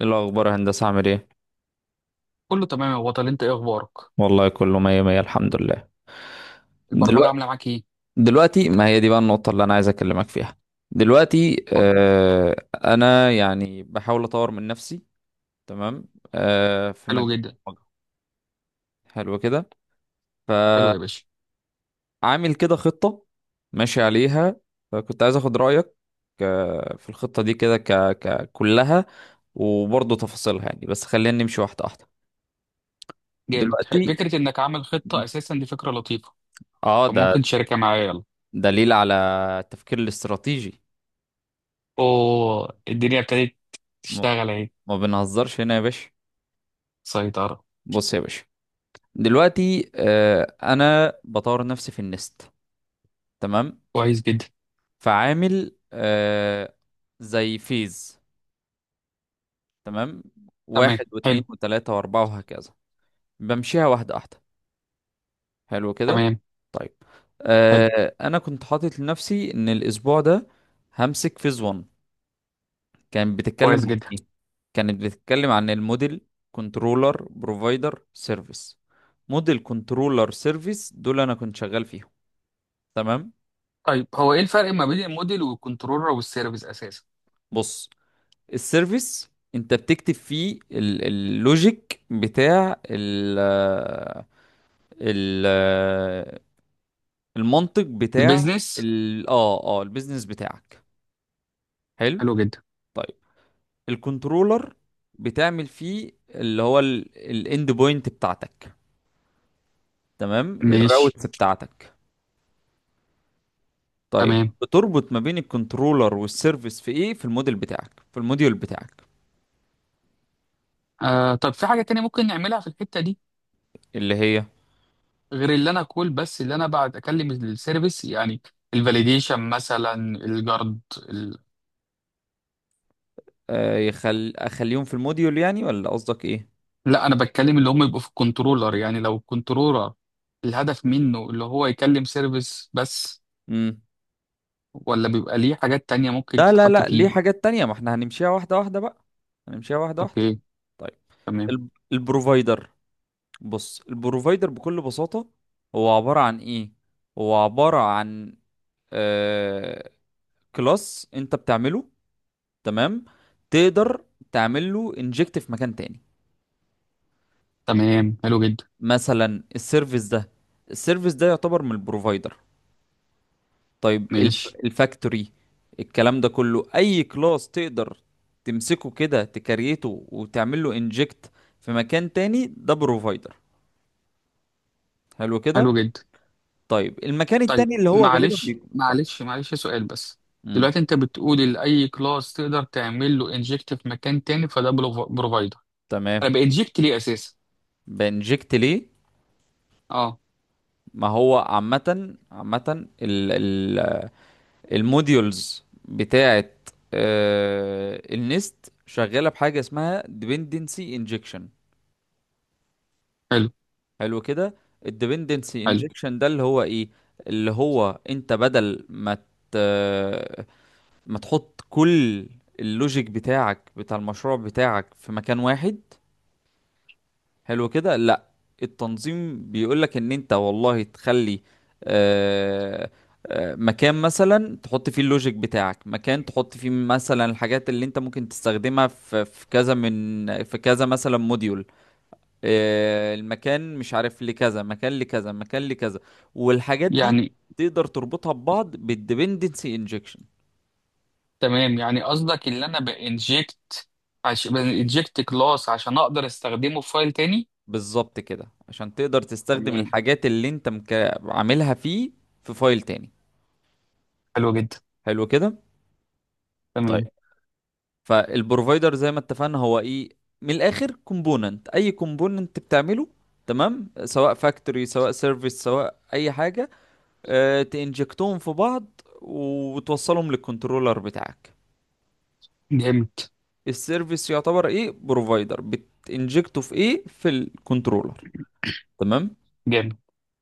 إيه الأخبار يا هندسة عامل ايه؟ كله تمام يا بطل، انت ايه اخبارك؟ والله كله مية مية. الحمد لله. البرمجه دلوقتي عامله معاك ايه؟ دلوقتي، ما هي دي بقى النقطة اللي أنا عايز أكلمك فيها. دلوقتي اتفضل. أنا يعني بحاول أطور من نفسي. تمام. في مجال حلو جدا. البرمجة. حلو كده. حلو فعامل يا باشا. كده خطة ماشي عليها، فكنت عايز أخد رأيك في الخطة دي كده كلها، وبرضه تفاصيلها، يعني بس خلينا نمشي واحدة واحدة. جامد. دلوقتي فكره انك عامل خطه اساسا دي فكره لطيفه، اه ده فممكن تشاركها معايا يلا. دليل على التفكير الاستراتيجي. اوه، الدنيا ابتدت م- تشتغل اهي. ما بنهزرش هنا يا باشا. سيطره. بص يا باشا، دلوقتي انا بطور نفسي في النست. تمام. كويس جدا. فعامل زي فيز. تمام، تمام. واحد واتنين حلو. وتلاتة واربعة وهكذا. بمشيها واحدة واحدة. حلو كده. تمام. طيب، حلو. انا كنت حاطط لنفسي ان الاسبوع ده همسك فيز 1. كانت بتتكلم كويس عن جدا. ايه؟ كانت بتتكلم عن الموديل كنترولر بروفايدر سيرفيس. موديل كنترولر سيرفيس دول انا كنت شغال فيهم. تمام. طيب هو ايه الفرق ما بين الموديل والكنترولر والسيرفيس اساسا؟ بص، السيرفيس انت بتكتب فيه اللوجيك بتاع ال المنطق بتاع البيزنس. ال اه اه البيزنس بتاعك. حلو. حلو جدا. طيب، الكنترولر بتعمل فيه اللي هو الاند بوينت بتاعتك، تمام، ماشي. الراوتس بتاعتك. طيب تمام. بتربط ما بين الكنترولر والسيرفيس في ايه؟ في الموديل بتاعك، في الموديول بتاعك. طب في حاجه تانية ممكن نعملها في الحته دي، اللي هي غير اللي انا اقول بس اللي انا بعد اكلم السيرفيس يعني الفاليديشن مثلا، الجارد، ال... اخليهم في الموديول يعني، ولا قصدك ايه؟ لا انا بتكلم اللي هم يبقوا في الكنترولر، يعني لو الكنترولر الهدف منه اللي هو يكلم سيرفيس بس، امم. ولا بيبقى ليه حاجات تانية ممكن لا لا تتحط لا، ليه فيه. حاجات تانية، ما احنا هنمشيها واحدة واحدة بقى. هنمشيها واحدة واحدة. اوكي. طيب، تمام. البروفايدر. بص، البروفايدر بكل بساطة هو عبارة عن ايه؟ هو عبارة عن آه... كلاس انت بتعمله، تمام، تقدر تعمل له انجكت في مكان تاني. تمام. حلو جدا. مثلا السيرفيس ده، السيرفيس ده يعتبر من البروفايدر. طيب ماشي. الفاكتوري، الكلام ده كله، اي كلاس تقدر تمسكه كده تكريته وتعمل له انجكت في مكان تاني، ده بروفايدر. حلو كده. حلو جدا. طيب، المكان طيب التاني اللي هو غالبا معلش بيكون اتفضل. معلش معلش سؤال بس. امم. دلوقتي انت بتقول لاي كلاس تقدر تعمل له انجكت في مكان تاني فده بروفايدر، تمام، انا بانجكت ليه اساسا؟ بانجكت ليه؟ اه. ما هو عامة عامة الموديولز بتاعت النست شغاله بحاجه اسمها dependency injection. حلو. حلو كده. ال dependency حلو. injection ده اللي هو ايه؟ اللي هو انت بدل ما ت... ما تحط كل اللوجيك بتاعك بتاع المشروع بتاعك في مكان واحد، حلو كده، لا، التنظيم بيقولك ان انت والله تخلي آه، مكان مثلا تحط فيه اللوجيك بتاعك، مكان تحط فيه مثلا الحاجات اللي انت ممكن تستخدمها في كذا، من في كذا، مثلا موديول المكان مش عارف، لكذا مكان لكذا مكان لكذا، والحاجات دي يعني تقدر تربطها ببعض بالديبندنسي انجكشن. تمام، يعني قصدك اللي انا بانجكت بانجكت كلاس عشان اقدر استخدمه في فايل تاني. بالظبط كده، عشان تقدر تستخدم تمام. الحاجات اللي انت عاملها فيه في فايل تاني. حلو جدا. حلو كده. تمام. فالبروفايدر زي ما اتفقنا هو ايه؟ من الاخر كومبوننت، اي كومبوننت بتعمله، تمام، سواء فاكتوري سواء سيرفيس سواء اي حاجه، اه تنجكتهم في بعض وتوصلهم للكنترولر بتاعك. جامد. السيرفيس يعتبر ايه؟ بروفايدر، بتنجكته في ايه؟ في الكنترولر. تمام. جامد.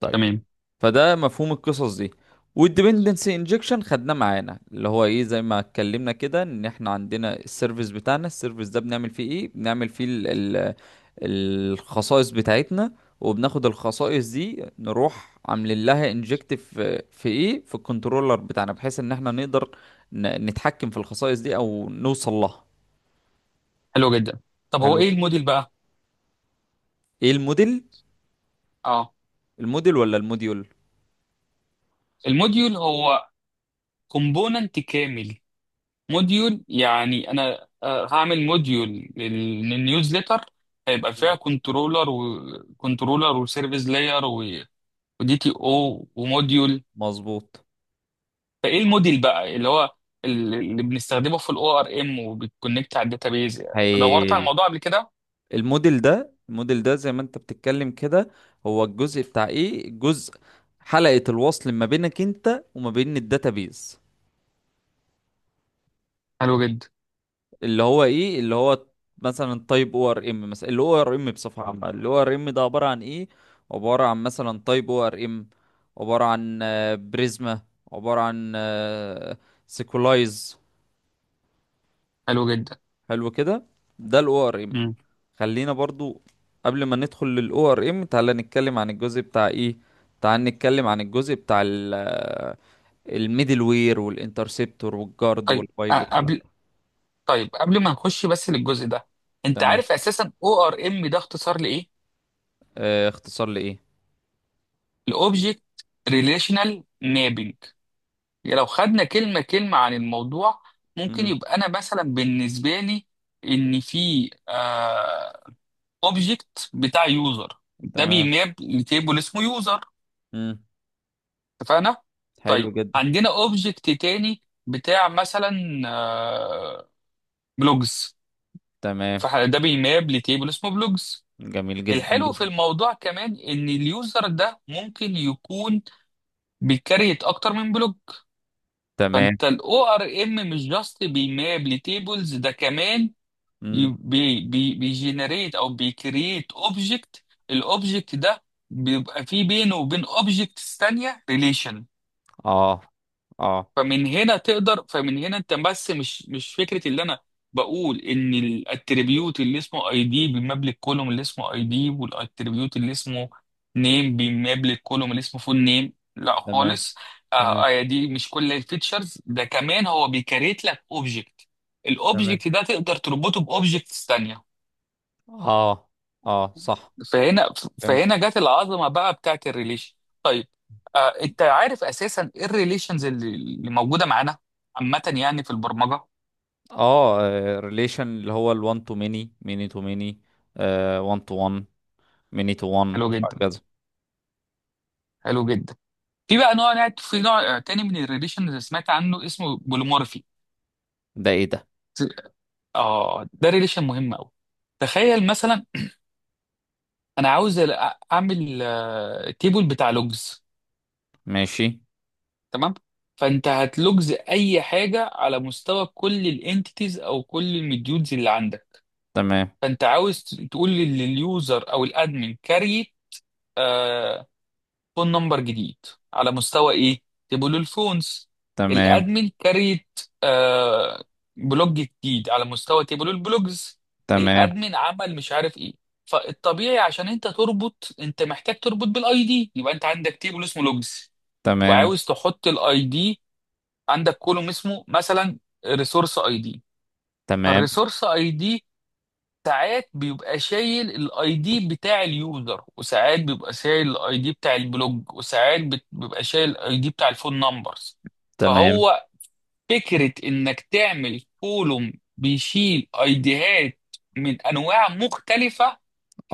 طيب، تمام. فده مفهوم القصص دي. والديبندنسي انجكشن خدناه معانا، اللي هو ايه؟ زي ما اتكلمنا كده، ان احنا عندنا السيرفيس بتاعنا، السيرفيس ده بنعمل فيه ايه؟ بنعمل فيه ال الخصائص بتاعتنا، وبناخد الخصائص دي نروح عاملين لها انجكت في ايه؟ في الكنترولر بتاعنا، بحيث ان احنا نقدر نتحكم في الخصائص دي او نوصل لها. حلو جدا. طب هو حلو. ايه الموديل بقى؟ ايه الموديل؟ اه. الموديل ولا الموديول؟ الموديول هو كومبوننت كامل. موديول يعني انا هعمل موديول للنيوزليتر، هيبقى فيها كنترولر وكنترولر وسيرفيس لاير ودي تي او وموديول. مظبوط. فايه الموديل بقى اللي هو اللي بنستخدمه في الاو ار ام وبتكونكت على الداتابيز؟ دورت على هايل. الموضوع قبل كده. الموديل ده زي ما انت بتتكلم كده، هو الجزء بتاع ايه؟ جزء، حلقة الوصل ما بينك انت وما بين الداتابيز، حلو جدا. اللي هو ايه؟ اللي هو مثلا تايب او ار ام، مثلا اللي هو ار ام بصفة عامة. اللي هو ار ام ده عبارة عن ايه؟ عبارة عن مثلا تايب او ار ام، عبارة عن بريزما، عبارة عن سيكولايز. حلو جدا. حلو كده، ده الاو ار ام. امم خلينا برضو قبل ما ندخل للاو ار ام تعالى نتكلم عن الجزء بتاع ايه، تعال نتكلم عن الجزء بتاع الميدل وير والانترسبتور والجارد طيب والبايب والكلام ده. قبل ما نخش بس للجزء ده، انت تمام. عارف اساسا او ار ام ده اختصار لايه؟ اختصار لايه. لاوبجكت ريليشنال مابينج. لو خدنا كلمه كلمه عن الموضوع، ممكن امم. يبقى انا مثلا بالنسبه لي ان في اوبجكت بتاع يوزر ده تمام. بيماب لتيبل اسمه يوزر. امم. اتفقنا؟ طيب، حلو جدا. عندنا اوبجكت تاني بتاع مثلا آه، بلوجز، تمام. فده بيماب لتيبل اسمه بلوجز. جميل جدا الحلو جدا. في الموضوع كمان ان اليوزر ده ممكن يكون بيكريت اكتر من بلوج، تمام. فانت الاو ار ام مش جاست بيماب لتيبلز، ده كمان ي- امم. بي بي بيجنريت او بيكريت اوبجكت. الاوبجكت ده بيبقى فيه بينه وبين اوبجكتس تانية ريليشن. اه اه. فمن هنا انت بس مش مش فكره اللي انا بقول ان الاتريبيوت اللي اسمه اي دي بيماب الكولوم اللي اسمه اي دي، والاتريبيوت اللي اسمه نيم بيماب الكولوم اللي اسمه فول نيم، لا تمام. خالص. تمام. دي مش كل الفيتشرز، ده كمان هو بيكريت لك اوبجكت، تمام. الاوبجكت ده تقدر تربطه باوبجكتس تانية. اه اه، صح، فهنا فهمت. فهنا جت العظمه بقى بتاعت الريليشن. طيب، انت عارف اساسا ايه الريليشنز اللي موجوده معانا عامه يعني في البرمجه؟ اه. ريليشن اللي هو ال1 تو ميني، ميني تو ميني، 1 تو 1، ميني تو 1، حلو جدا. هكذا. حلو جدا. في بقى نوع، في نوع تاني من الريليشنز اللي سمعت عنه اسمه بوليمورفي. ده ايه ده؟ اه ده ريليشن مهم قوي. تخيل مثلا انا عاوز اعمل تيبل بتاع لوجز. ماشي. تمام؟ فانت هتلوجز اي حاجه على مستوى كل الانتيتيز او كل المديولز اللي عندك. تمام. فانت عاوز تقول لليوزر او الادمن كاري آه فون نمبر جديد، على مستوى ايه؟ تبقوا له الفونز. تمام. الادمن كاريت بلوج جديد، على مستوى تبقوا البلوجز. تمام. الادمن عمل مش عارف ايه. فالطبيعي عشان انت تربط، انت محتاج تربط بالاي دي، يبقى انت عندك تيبل اسمه لوجز، تمام. وعاوز تحط الاي دي، عندك كولوم اسمه مثلا ريسورس اي دي. تمام. فالريسورس اي دي ساعات بيبقى شايل الاي دي بتاع اليوزر، وساعات بيبقى شايل الاي دي بتاع البلوج، وساعات بيبقى شايل الاي دي بتاع الفون نمبرز. تمام. فهو فكرة انك تعمل كولوم بيشيل ايديهات من انواع مختلفة.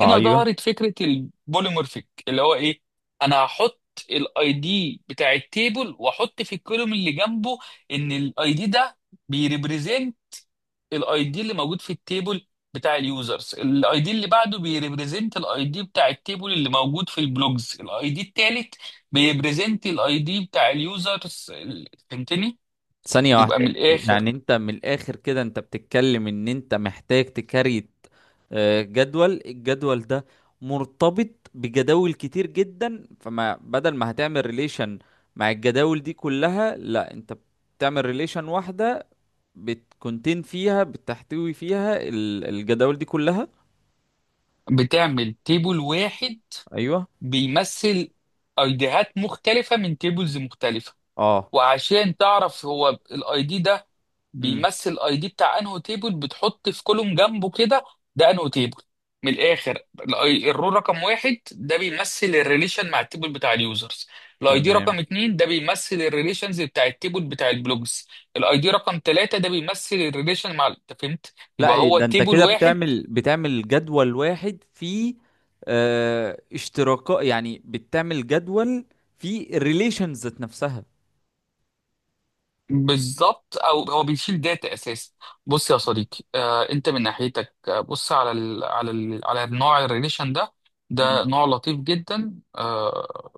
هنا ظهرت فكرة البوليمورفيك، اللي هو ايه؟ انا هحط الاي دي بتاع التيبل، واحط في الكولوم اللي جنبه ان الاي دي ده بيريبريزنت الاي دي اللي موجود في التيبل بتاع اليوزرز، الاي دي اللي بعده بيريبريزنت الاي دي بتاع التيبل اللي موجود في البلوجز، الاي دي التالت بيريبريزنت الاي دي بتاع اليوزرز. فهمتني؟ ثانية يبقى من واحدة، الاخر يعني انت من الاخر كده انت بتتكلم ان انت محتاج تكريت الجدول ده مرتبط بجداول كتير جدا، فما بدل ما هتعمل ريليشن مع الجداول دي كلها، لا، انت بتعمل ريليشن واحدة بتكونتين فيها، بتحتوي فيها الجداول دي كلها. بتعمل تيبل واحد ايوه. بيمثل ايديهات مختلفة من تيبلز مختلفة. اه. وعشان تعرف هو الاي دي ده امم. بيمثل الاي دي بتاع انهو تيبل، بتحط في كولوم جنبه كده ده انهو تيبل. من الاخر الرو رقم واحد ده بيمثل الريليشن مع التيبل بتاع اليوزرز، الاي دي تمام. رقم اتنين ده بيمثل الريليشنز بتاع التيبل بتاع البلوجز، الاي دي رقم تلاتة ده بيمثل الريليشن مع، انت فهمت، يبقى لا هو ده انت تيبل كده واحد. بتعمل جدول واحد فيه اشتراكات، يعني بتعمل جدول فيه الريليشنز ذات نفسها. بالظبط، او هو بيشيل داتا اساسا. بص يا صديقي، انت من ناحيتك بص على ال على ال على النوع الريليشن ده. ده مم. نوع لطيف جدا.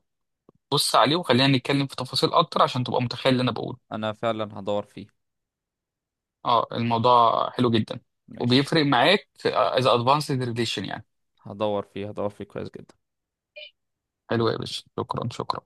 بص عليه، وخلينا نتكلم في تفاصيل اكتر عشان تبقى متخيل اللي انا بقوله. انا فعلا هدور فيه. اه الموضوع حلو جدا، ماشي. وبيفرق معاك اذا ادفانسد ريليشن يعني. هدور فيه هدور فيه كويس جدا. حلو يا باشا، شكرا شكرا.